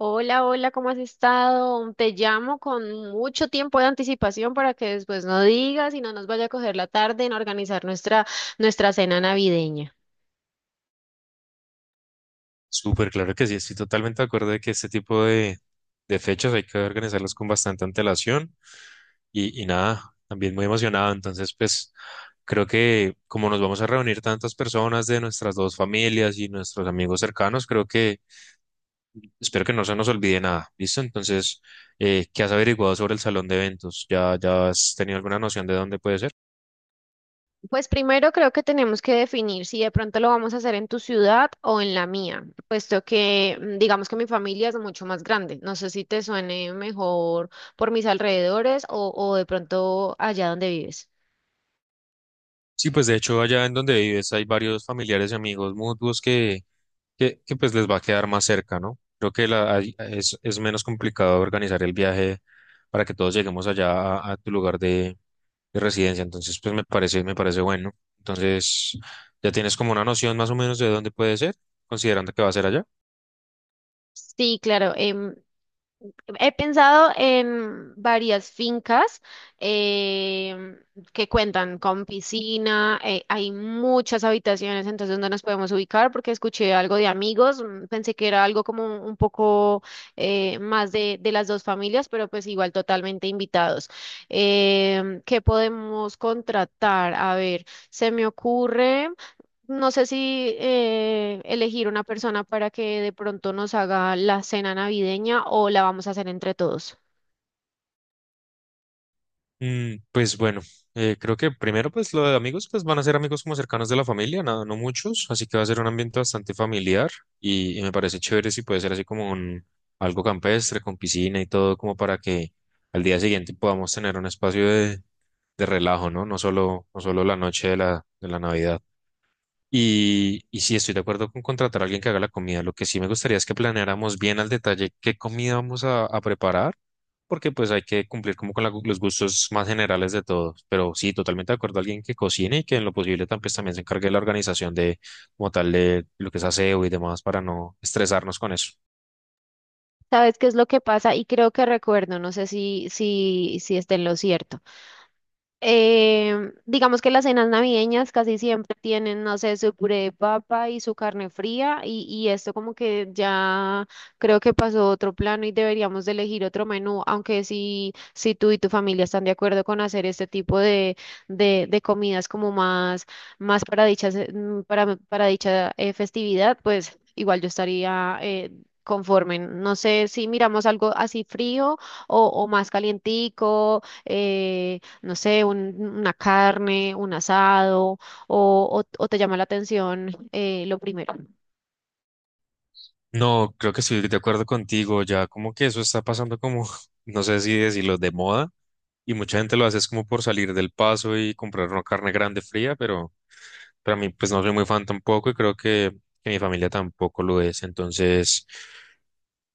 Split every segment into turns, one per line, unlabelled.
Hola, hola, ¿cómo has estado? Te llamo con mucho tiempo de anticipación para que después no digas y no nos vaya a coger la tarde en organizar nuestra cena navideña.
Súper claro que sí, estoy totalmente de acuerdo de que este tipo de fechas hay que organizarlas con bastante antelación y nada, también muy emocionado. Entonces, pues creo que como nos vamos a reunir tantas personas de nuestras dos familias y nuestros amigos cercanos, creo que espero que no se nos olvide nada, ¿listo? Entonces, ¿qué has averiguado sobre el salón de eventos? ¿Ya has tenido alguna noción de dónde puede ser?
Pues primero creo que tenemos que definir si de pronto lo vamos a hacer en tu ciudad o en la mía, puesto que digamos que mi familia es mucho más grande. No sé si te suene mejor por mis alrededores o de pronto allá donde vives.
Sí, pues de hecho allá en donde vives hay varios familiares y amigos mutuos que pues les va a quedar más cerca, ¿no? Creo que es menos complicado organizar el viaje para que todos lleguemos allá a tu lugar de residencia. Entonces, pues me parece bueno. Entonces, ya tienes como una noción más o menos de dónde puede ser, considerando que va a ser allá.
Sí, claro. He pensado en varias fincas. em, que cuentan con piscina, hay muchas habitaciones, entonces no nos podemos ubicar porque escuché algo de amigos, pensé que era algo como un poco más de las dos familias, pero pues igual totalmente invitados. ¿Qué podemos contratar? A ver, se me ocurre… No sé si elegir una persona para que de pronto nos haga la cena navideña o la vamos a hacer entre todos.
Pues bueno, creo que primero pues lo de amigos pues van a ser amigos como cercanos de la familia, nada, no muchos, así que va a ser un ambiente bastante familiar y me parece chévere si puede ser así como un algo campestre con piscina y todo como para que al día siguiente podamos tener un espacio de relajo, ¿no? No solo, no solo la noche de la Navidad. Y sí, estoy de acuerdo con contratar a alguien que haga la comida. Lo que sí me gustaría es que planeáramos bien al detalle qué comida vamos a preparar, porque pues hay que cumplir como con los gustos más generales de todos. Pero sí, totalmente de acuerdo, alguien que cocine y que en lo posible pues, también se encargue de la organización de como tal de lo que es aseo y demás para no estresarnos con eso.
¿Sabes qué es lo que pasa? Y creo que recuerdo, no sé si esté en lo cierto. Digamos que las cenas navideñas casi siempre tienen, no sé, su puré de papa y su carne fría y esto como que ya creo que pasó a otro plano y deberíamos de elegir otro menú, aunque si tú y tu familia están de acuerdo con hacer este tipo de comidas como más para dicha, para dicha festividad, pues igual yo estaría… conforme, no sé si miramos algo así frío o más calientico, no sé, una carne, un asado, o te llama la atención lo primero.
No, creo que estoy de acuerdo contigo. Ya como que eso está pasando como, no sé si decirlo, de moda. Y mucha gente lo hace es como por salir del paso y comprar una carne grande fría, pero a mí pues no soy muy fan tampoco y creo que mi familia tampoco lo es. Entonces,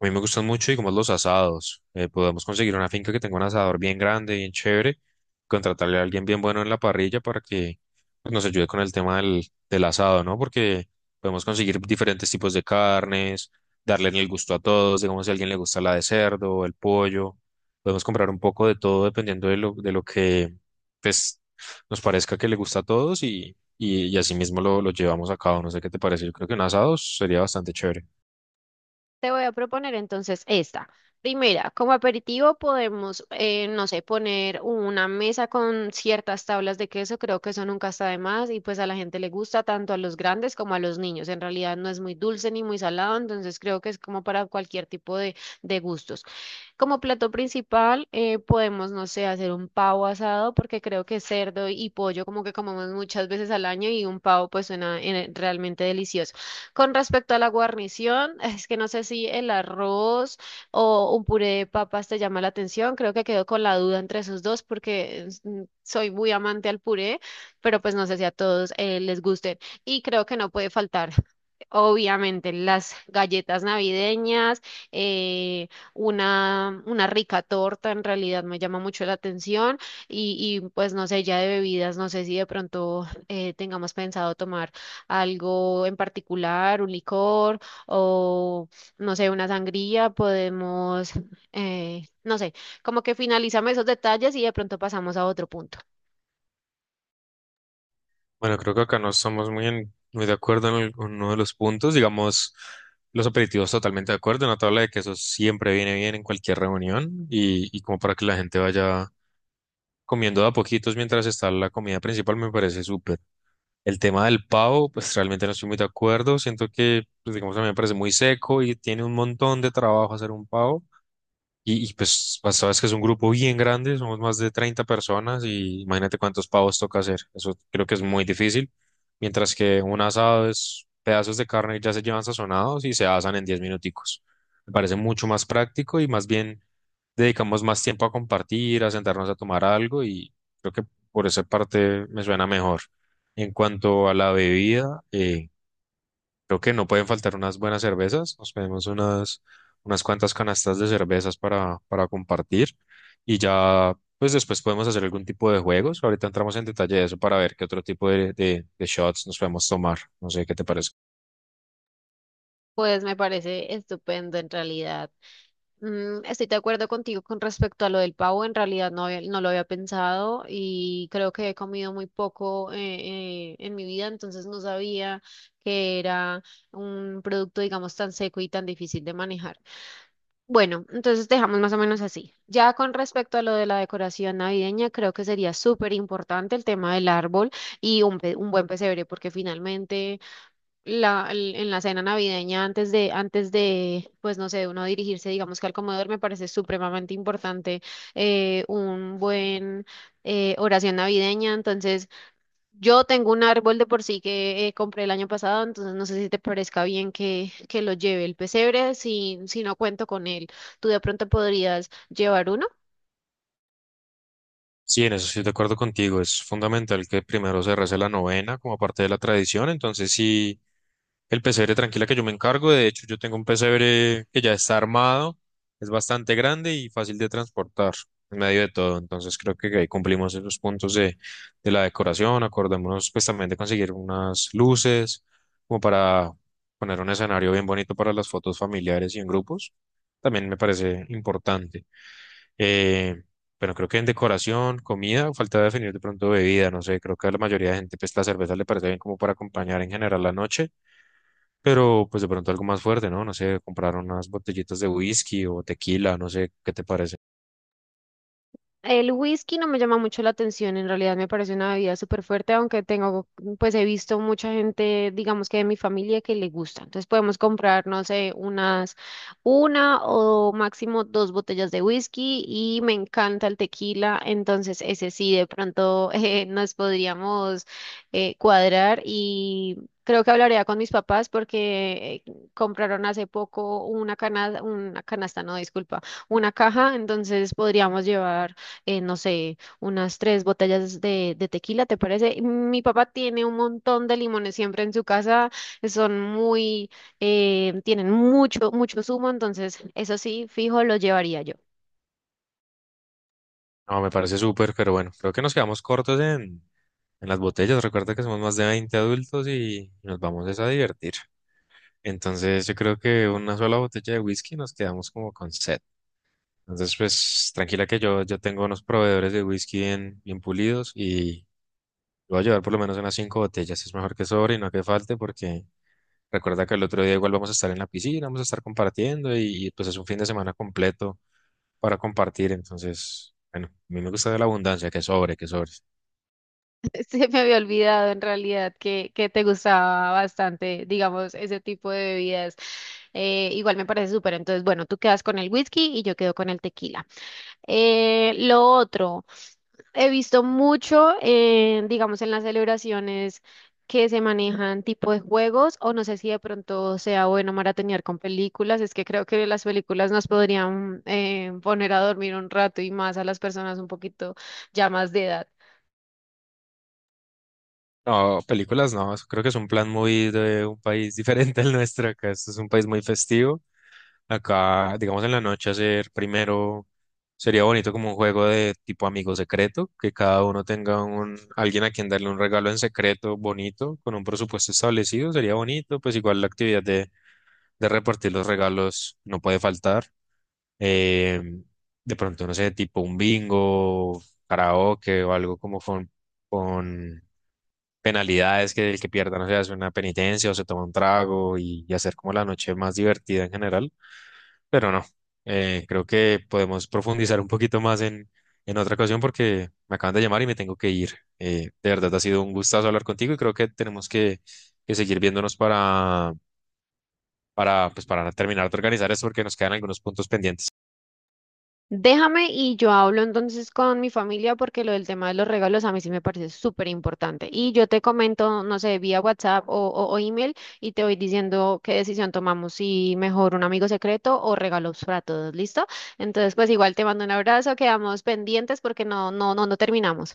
a mí me gustan mucho y como los asados. Podemos conseguir una finca que tenga un asador bien grande, bien chévere, contratarle a alguien bien bueno en la parrilla para que pues, nos ayude con el tema del, asado, ¿no? Porque podemos conseguir diferentes tipos de carnes, darle el gusto a todos, digamos si a alguien le gusta la de cerdo, el pollo. Podemos comprar un poco de todo dependiendo de lo que pues, nos parezca que le gusta a todos y así mismo lo llevamos a cabo. No sé qué te parece, yo creo que un asado sería bastante chévere.
Te voy a proponer entonces esta. Primera, como aperitivo podemos, no sé, poner una mesa con ciertas tablas de queso, creo que eso nunca está de más y pues a la gente le gusta tanto a los grandes como a los niños. En realidad no es muy dulce ni muy salado, entonces creo que es como para cualquier tipo de gustos. Como plato principal, podemos, no sé, hacer un pavo asado, porque creo que cerdo y pollo como que comemos muchas veces al año y un pavo pues suena realmente delicioso. Con respecto a la guarnición, es que no sé si el arroz o un puré de papas te llama la atención. Creo que quedo con la duda entre esos dos porque es, soy muy amante al puré, pero pues no sé si a todos les guste. Y creo que no puede faltar, obviamente, las galletas navideñas, eh, una rica torta en realidad me llama mucho la atención y, pues no sé, ya de bebidas, no sé si de pronto tengamos pensado tomar algo en particular, un licor o no sé, una sangría, podemos, no sé, como que finalizamos esos detalles y de pronto pasamos a otro punto.
Bueno, creo que acá no estamos muy de acuerdo en uno de los puntos. Digamos, los aperitivos totalmente de acuerdo. Una tabla de quesos siempre viene bien en cualquier reunión y como para que la gente vaya comiendo de a poquitos mientras está la comida principal me parece súper. El tema del pavo, pues realmente no estoy muy de acuerdo. Siento que, pues, digamos, a mí me parece muy seco y tiene un montón de trabajo hacer un pavo. Y, pues, sabes que es un grupo bien grande, somos más de 30 personas y imagínate cuántos pavos toca hacer. Eso creo que es muy difícil. Mientras que un asado es pedazos de carne que ya se llevan sazonados y se asan en 10 minuticos. Me parece mucho más práctico y más bien dedicamos más tiempo a compartir, a sentarnos a tomar algo y creo que por esa parte me suena mejor. En cuanto a la bebida, creo que no pueden faltar unas buenas cervezas. Nos pedimos unas cuantas canastas de cervezas para compartir. Y ya, pues después podemos hacer algún tipo de juegos. Ahorita entramos en detalle de eso para ver qué otro tipo de shots nos podemos tomar. No sé qué te parece.
Pues me parece estupendo en realidad. Estoy de acuerdo contigo con respecto a lo del pavo. En realidad no lo había pensado y creo que he comido muy poco en mi vida, entonces no sabía que era un producto, digamos, tan seco y tan difícil de manejar. Bueno, entonces dejamos más o menos así. Ya con respecto a lo de la decoración navideña, creo que sería súper importante el tema del árbol y un buen pesebre, porque finalmente en la cena navideña antes de, pues no sé, uno dirigirse, digamos que al comedor, me parece supremamente importante un buen oración navideña. Entonces, yo tengo un árbol de por sí que compré el año pasado, entonces no sé si te parezca bien que lo lleve el pesebre, si no cuento con él. ¿Tú de pronto podrías llevar uno?
Sí, en eso estoy de acuerdo contigo. Es fundamental que primero se rece la novena como parte de la tradición. Entonces, sí. El pesebre tranquila que yo me encargo. De hecho, yo tengo un pesebre que ya está armado, es bastante grande y fácil de transportar en medio de todo. Entonces creo que ahí cumplimos esos puntos de la decoración. Acordémonos pues también de conseguir unas luces como para poner un escenario bien bonito para las fotos familiares y en grupos. También me parece importante. Eh, pero creo que en decoración, comida, falta definir de pronto bebida, no sé, creo que a la mayoría de gente pues la cerveza le parece bien como para acompañar en general la noche, pero pues de pronto algo más fuerte, ¿no? No sé, comprar unas botellitas de whisky o tequila, no sé, ¿qué te parece?
El whisky no me llama mucho la atención, en realidad me parece una bebida súper fuerte, aunque tengo, pues he visto mucha gente, digamos que de mi familia, que le gusta. Entonces podemos comprar, no sé, una o máximo dos botellas de whisky y me encanta el tequila, entonces ese sí, de pronto nos podríamos cuadrar y… Creo que hablaría con mis papás porque compraron hace poco una canasta, no, disculpa, una caja, entonces podríamos llevar no sé, unas tres botellas de tequila, ¿te parece? Mi papá tiene un montón de limones siempre en su casa, son muy, tienen mucho, mucho zumo, entonces eso sí, fijo, lo llevaría yo.
No, me parece súper, pero bueno, creo que nos quedamos cortos en las botellas. Recuerda que somos más de 20 adultos y nos vamos es a divertir. Entonces yo creo que una sola botella de whisky nos quedamos como con set. Entonces, pues tranquila que yo tengo unos proveedores de whisky bien, bien pulidos y voy a llevar por lo menos unas cinco botellas. Es mejor que sobre y no que falte, porque recuerda que el otro día igual vamos a estar en la piscina, vamos a estar compartiendo y, pues es un fin de semana completo para compartir. Entonces, bueno, a mí me gusta la abundancia, que sobre, que sobre.
Se me había olvidado en realidad que te gustaba bastante, digamos, ese tipo de bebidas. Igual me parece súper, entonces bueno, tú quedas con el whisky y yo quedo con el tequila. Lo otro, he visto mucho, digamos, en las celebraciones que se manejan tipo de juegos, o no sé si de pronto sea bueno maratonear con películas, es que creo que las películas nos podrían poner a dormir un rato y más a las personas un poquito ya más de edad.
No, películas no, eso creo que es un plan muy de un país diferente al nuestro. Acá esto es un país muy festivo. Acá, digamos, en la noche hacer primero sería bonito como un juego de tipo amigo secreto, que cada uno tenga un alguien a quien darle un regalo en secreto bonito, con un presupuesto establecido, sería bonito. Pues igual la actividad de repartir los regalos no puede faltar. Eh, de pronto, no sé, tipo un bingo, karaoke o algo como con, penalidades, que el que pierda, no sé, hace una penitencia o se toma un trago y hacer como la noche más divertida en general. Pero no, creo que podemos profundizar un poquito más en, otra ocasión porque me acaban de llamar y me tengo que ir. De verdad, ha sido un gustazo hablar contigo y creo que tenemos que seguir viéndonos para, pues, para terminar de organizar esto porque nos quedan algunos puntos pendientes.
Déjame y yo hablo entonces con mi familia porque lo del tema de los regalos a mí sí me parece súper importante. Y yo te comento, no sé, vía WhatsApp o email y te voy diciendo qué decisión tomamos, si mejor un amigo secreto o regalos para todos, ¿listo? Entonces, pues igual te mando un abrazo, quedamos pendientes porque no terminamos.